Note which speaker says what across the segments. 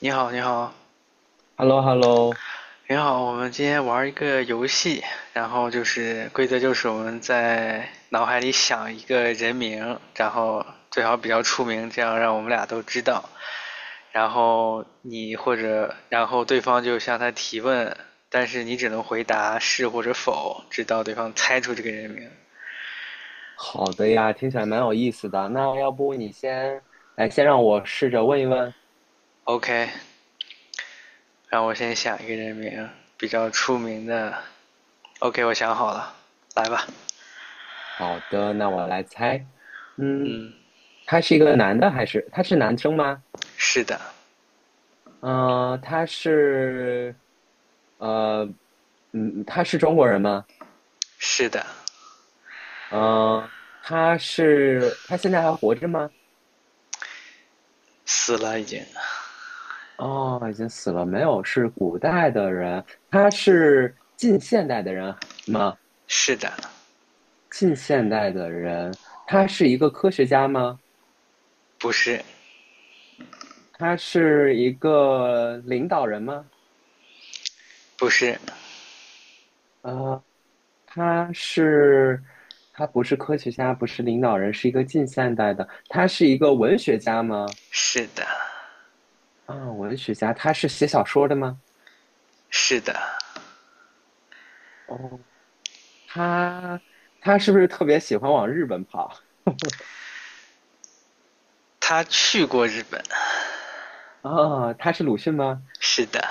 Speaker 1: 你好，你好，
Speaker 2: hello hello
Speaker 1: 你好，我们今天玩一个游戏，然后就是规则就是我们在脑海里想一个人名，然后最好比较出名，这样让我们俩都知道。然后对方就向他提问，但是你只能回答是或者否，直到对方猜出这个人名。
Speaker 2: 好的呀，听起来蛮有意思的。那要不你先，来，先让我试着问一问。
Speaker 1: OK，让我先想一个人名，比较出名的。OK，我想好了，来吧。
Speaker 2: 好的，那我来猜。嗯，
Speaker 1: 嗯，
Speaker 2: 他是一个男的还是他是男生吗？
Speaker 1: 是的。
Speaker 2: 嗯、他是，呃，他是中国人吗？
Speaker 1: 是的，
Speaker 2: 嗯、他现在还活着吗？
Speaker 1: 死了已经。
Speaker 2: 哦，已经死了，没有，是古代的人。他是近现代的人吗？
Speaker 1: 是的，
Speaker 2: 近现代的人，他是一个科学家吗？
Speaker 1: 不是，
Speaker 2: 他是一个领导人吗？
Speaker 1: 不是，
Speaker 2: 呃，他是，他不是科学家，不是领导人，是一个近现代的。他是一个文学家吗？
Speaker 1: 是的，
Speaker 2: 啊，文学家，他是写小说的吗？
Speaker 1: 是的，
Speaker 2: 哦，他他是不是特别喜欢往日本跑？
Speaker 1: 他去过日本。
Speaker 2: 啊，他是鲁迅吗？
Speaker 1: 是的，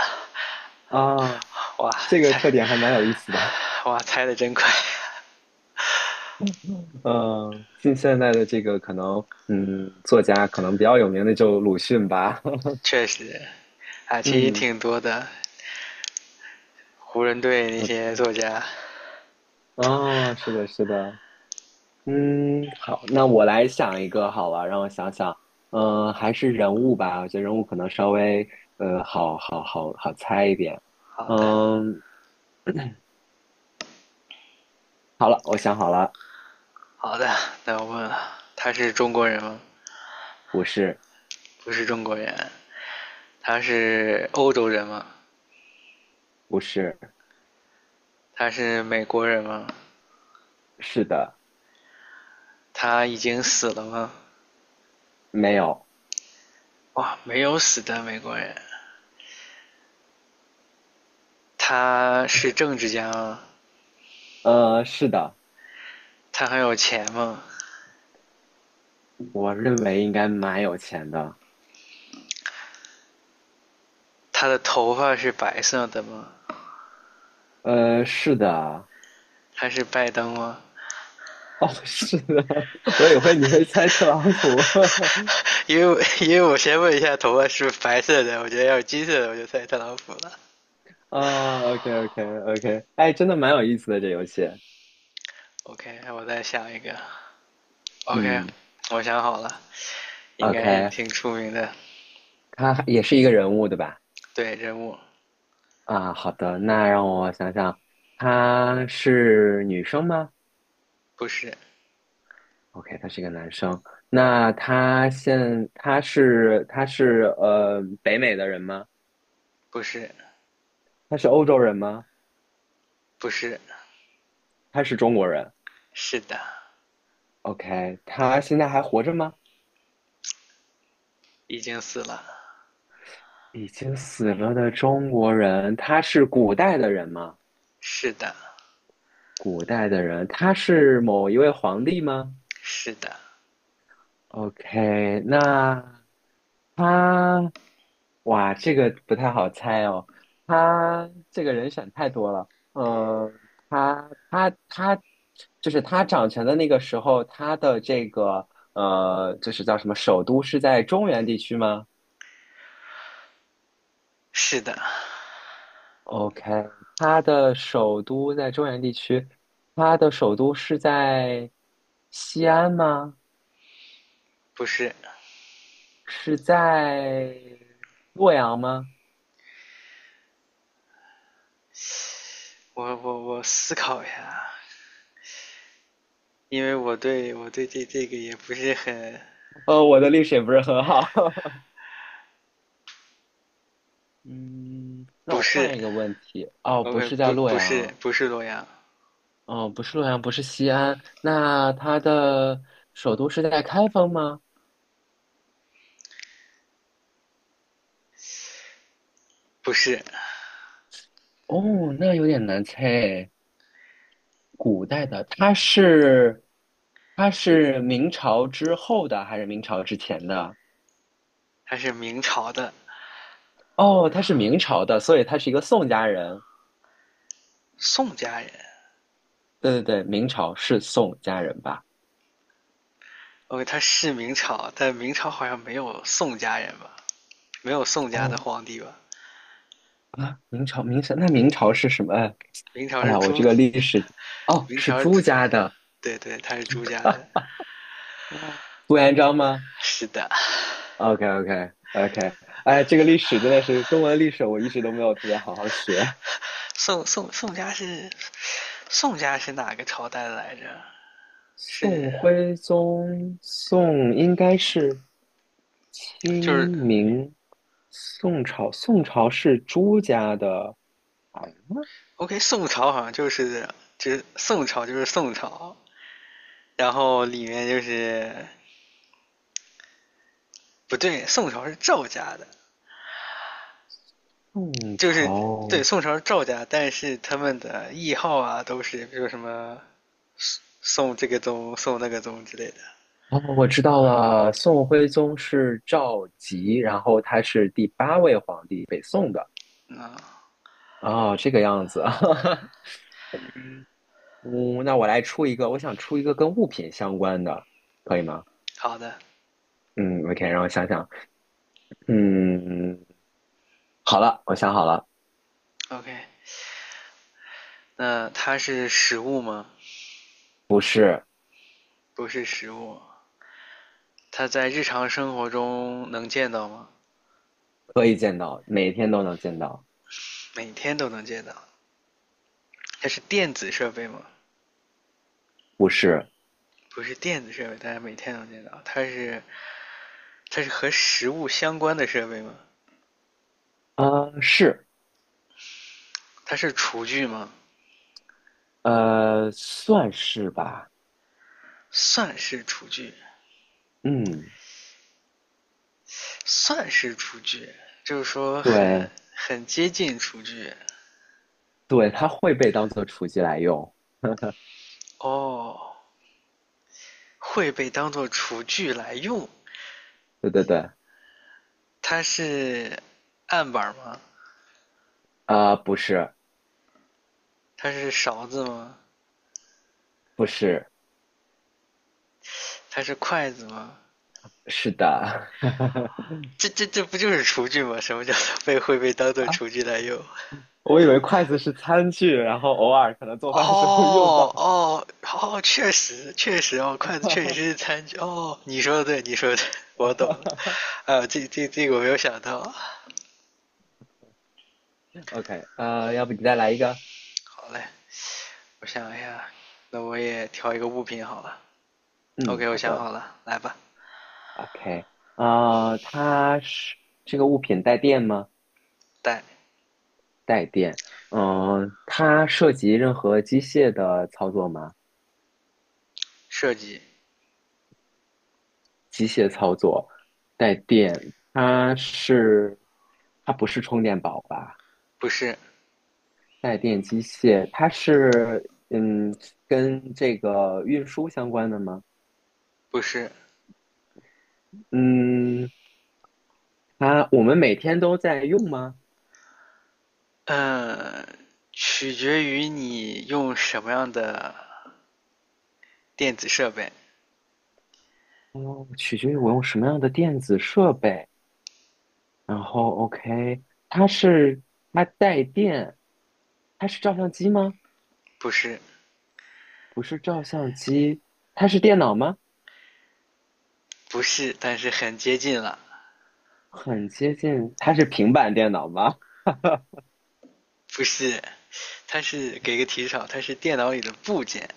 Speaker 2: 啊，
Speaker 1: 哇，
Speaker 2: 这个
Speaker 1: 猜，
Speaker 2: 特点还蛮有意思的。
Speaker 1: 哇，猜的真快。
Speaker 2: 嗯，近现代的这个可能，作家可能比较有名的就鲁迅吧。
Speaker 1: 确实，啊，其实
Speaker 2: 嗯，
Speaker 1: 挺多的，湖人队那
Speaker 2: 呃
Speaker 1: 些作家。
Speaker 2: 啊，是的，是的。好，那我来想一个好了，让我想想。还是人物吧，我觉得人物可能稍微好猜一点。
Speaker 1: 好的，
Speaker 2: 嗯，好了，我想好了，
Speaker 1: 好的，那我问了，他是中国人吗？
Speaker 2: 不是，
Speaker 1: 不是中国人。他是欧洲人吗？
Speaker 2: 不是，
Speaker 1: 他是美国人吗？
Speaker 2: 是的，
Speaker 1: 他已经死了吗？
Speaker 2: 没有，
Speaker 1: 哇，没有死的美国人，他是政治家吗？
Speaker 2: 是的，
Speaker 1: 他很有钱吗？
Speaker 2: 我认为应该蛮有钱的。
Speaker 1: 他的头发是白色的吗？
Speaker 2: 是的，
Speaker 1: 他是拜登吗？
Speaker 2: 哦，是的，我以为你会猜特朗普。
Speaker 1: 因为因为我先问一下头发是不是白色的，我觉得要是金色的我就猜特朗普了。
Speaker 2: 哦 OK OK OK 哎，真的蛮有意思的这游戏。
Speaker 1: OK，我再想一个。OK，
Speaker 2: 嗯
Speaker 1: 我想好了，应该是
Speaker 2: ，OK，
Speaker 1: 挺出名的。
Speaker 2: 他也是一个人物对吧？
Speaker 1: 对，人物
Speaker 2: 啊，好的，那让我想想，他是女生吗
Speaker 1: 不是
Speaker 2: ？OK，他是一个男生。那他是北美的人吗？
Speaker 1: 不是
Speaker 2: 他是欧洲人吗？
Speaker 1: 不是，
Speaker 2: 他是中国人
Speaker 1: 是的，
Speaker 2: ？OK，他现在还活着吗？
Speaker 1: 已经死了。
Speaker 2: 已经死了的中国人，他是古代的人吗？
Speaker 1: 是的，
Speaker 2: 古代的人，他是某一位皇帝吗
Speaker 1: 是的，
Speaker 2: ？OK，那他，哇，这个不太好猜哦。他这个人选太多了。嗯，他他他，就是他掌权的那个时候，他的这个就是叫什么，首都是在中原地区吗？
Speaker 1: 是的。
Speaker 2: OK，它的首都在中原地区，它的首都是在西安吗？
Speaker 1: 不是，
Speaker 2: 是在洛阳吗？
Speaker 1: 我思考一下，因为我对这个也不是很
Speaker 2: 我的历史也不是很好。嗯，那
Speaker 1: 不
Speaker 2: 我
Speaker 1: 是
Speaker 2: 换一个问题。哦，不
Speaker 1: ，OK，
Speaker 2: 是在
Speaker 1: 不
Speaker 2: 洛
Speaker 1: 不是
Speaker 2: 阳，
Speaker 1: 不是洛阳，
Speaker 2: 嗯，不是洛阳，不是西安，那它的首都是在开封吗？
Speaker 1: 不是，
Speaker 2: 哦，那有点难猜。古代的，它是明朝之后的还是明朝之前的？
Speaker 1: 他是明朝的
Speaker 2: 哦，他是明朝的，所以他是一个宋家人。
Speaker 1: 宋家人
Speaker 2: 对对对，明朝是宋家人吧？
Speaker 1: ，OK,他是明朝，但明朝好像没有宋家人吧，没有宋家的
Speaker 2: 哦
Speaker 1: 皇帝吧，
Speaker 2: 啊，明朝，那明朝是什么？
Speaker 1: 明朝
Speaker 2: 哎
Speaker 1: 是
Speaker 2: 呀，我
Speaker 1: 朱，
Speaker 2: 这个历史哦，
Speaker 1: 明
Speaker 2: 是
Speaker 1: 朝
Speaker 2: 朱家的
Speaker 1: 对对，他是朱家的，
Speaker 2: 哦，朱元璋吗
Speaker 1: 是的，
Speaker 2: ？OK OK OK，哎，这个历史真的是中文历史，我一直都没有特别好好学。
Speaker 1: 宋宋宋家是宋家是哪个朝代来着？是
Speaker 2: 宋徽宗，宋应该是清
Speaker 1: 就是
Speaker 2: 明，宋朝是朱家的。
Speaker 1: OK,宋朝好像就是宋朝，然后里面就是不对，宋朝是赵家的，
Speaker 2: 宋
Speaker 1: 就是
Speaker 2: 朝
Speaker 1: 对宋朝是赵家，但是他们的谥号啊都是比如什么宋这个宗、宋那个宗之类的。
Speaker 2: 哦，我知道了，宋徽宗是赵佶，然后他是第八位皇帝，北宋的。
Speaker 1: 嗯，
Speaker 2: 哦，这个样子。嗯，那我来出一个，我想出一个跟物品相关的，可以吗？
Speaker 1: 好的
Speaker 2: 嗯，OK，让我想想。嗯，好了，我想好了，
Speaker 1: ，OK,那它是实物吗？
Speaker 2: 是
Speaker 1: 不是实物，它在日常生活中能见到吗？
Speaker 2: 可以见到，每天都能见到，
Speaker 1: 每天都能见到。它是电子设备吗？
Speaker 2: 不是？
Speaker 1: 不是电子设备，但是每天能见到。它是它是和食物相关的设备吗？
Speaker 2: 啊、是，
Speaker 1: 它是厨具吗？
Speaker 2: 算是吧。
Speaker 1: 算是厨具，
Speaker 2: 嗯，
Speaker 1: 算是厨具，就是说很
Speaker 2: 对
Speaker 1: 很接近厨具
Speaker 2: 对，它会被当做厨具来用。
Speaker 1: 哦，会被当做厨具来用。
Speaker 2: 对对对。
Speaker 1: 它是案板吗？
Speaker 2: 啊、不是，
Speaker 1: 它是勺子吗？
Speaker 2: 不是，
Speaker 1: 它是筷子吗？
Speaker 2: 是的，
Speaker 1: 这不就是厨具吗？什么叫做被会被当做
Speaker 2: 啊，
Speaker 1: 厨具来用？
Speaker 2: 我以为筷子是餐具，然后偶尔可能做饭的时候会用
Speaker 1: 哦
Speaker 2: 到。
Speaker 1: 哦哦，确实确实哦，筷子确实是 餐具哦。你说的对，你说的对，我懂了。啊，这个我没有想到。
Speaker 2: OK，要不你再来一个？
Speaker 1: 好嘞，我想一下，那我也挑一个物品好了。
Speaker 2: 嗯，
Speaker 1: OK,我
Speaker 2: 好
Speaker 1: 想
Speaker 2: 的。
Speaker 1: 好了，来吧。
Speaker 2: OK，呃，它是这个物品带电吗？
Speaker 1: 带
Speaker 2: 带电。它涉及任何机械的操作吗？
Speaker 1: 设计
Speaker 2: 机械操作，带电。它是，它不是充电宝吧？
Speaker 1: 不是
Speaker 2: 带电机械，它是跟这个运输相关的吗？
Speaker 1: 不是，
Speaker 2: 嗯，我们每天都在用吗？
Speaker 1: 嗯，取决于你用什么样的电子设备。
Speaker 2: 哦，取决于我用什么样的电子设备。然后，OK，它是它带电，它是照相机吗？
Speaker 1: 不是
Speaker 2: 不是照相机，它是电脑吗？
Speaker 1: 不是，但是很接近了。
Speaker 2: 很接近，它是平板电脑吗？
Speaker 1: 不是，它是给个提示啊，它是电脑里的部件。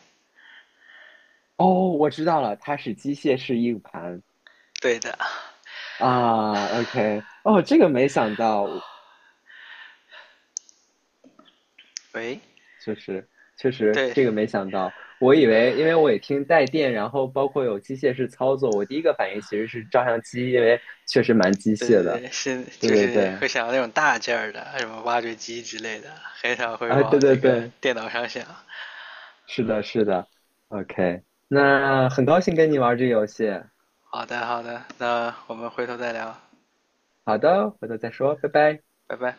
Speaker 2: 哦，我知道了，它是机械式硬盘
Speaker 1: 对的，
Speaker 2: 啊。OK，哦，这个没想到，
Speaker 1: 喂，
Speaker 2: 确实，确实，
Speaker 1: 对
Speaker 2: 这个没想到。我以为，因为我也听带电，然后包括有机械式操作，我第一个反应其实是照相机，因为确实蛮机
Speaker 1: 对
Speaker 2: 械
Speaker 1: 对
Speaker 2: 的。
Speaker 1: 对，是
Speaker 2: 对
Speaker 1: 就
Speaker 2: 对
Speaker 1: 是
Speaker 2: 对，
Speaker 1: 会想到那种大件儿的，什么挖掘机之类的，很少会
Speaker 2: 啊，
Speaker 1: 往
Speaker 2: 对对
Speaker 1: 这个
Speaker 2: 对，
Speaker 1: 电脑上想。
Speaker 2: 是的，是的。OK，那很高兴跟你玩这个游戏。
Speaker 1: 好的好的，那我们回头再聊，
Speaker 2: 好的，回头再说，拜拜。
Speaker 1: 拜拜。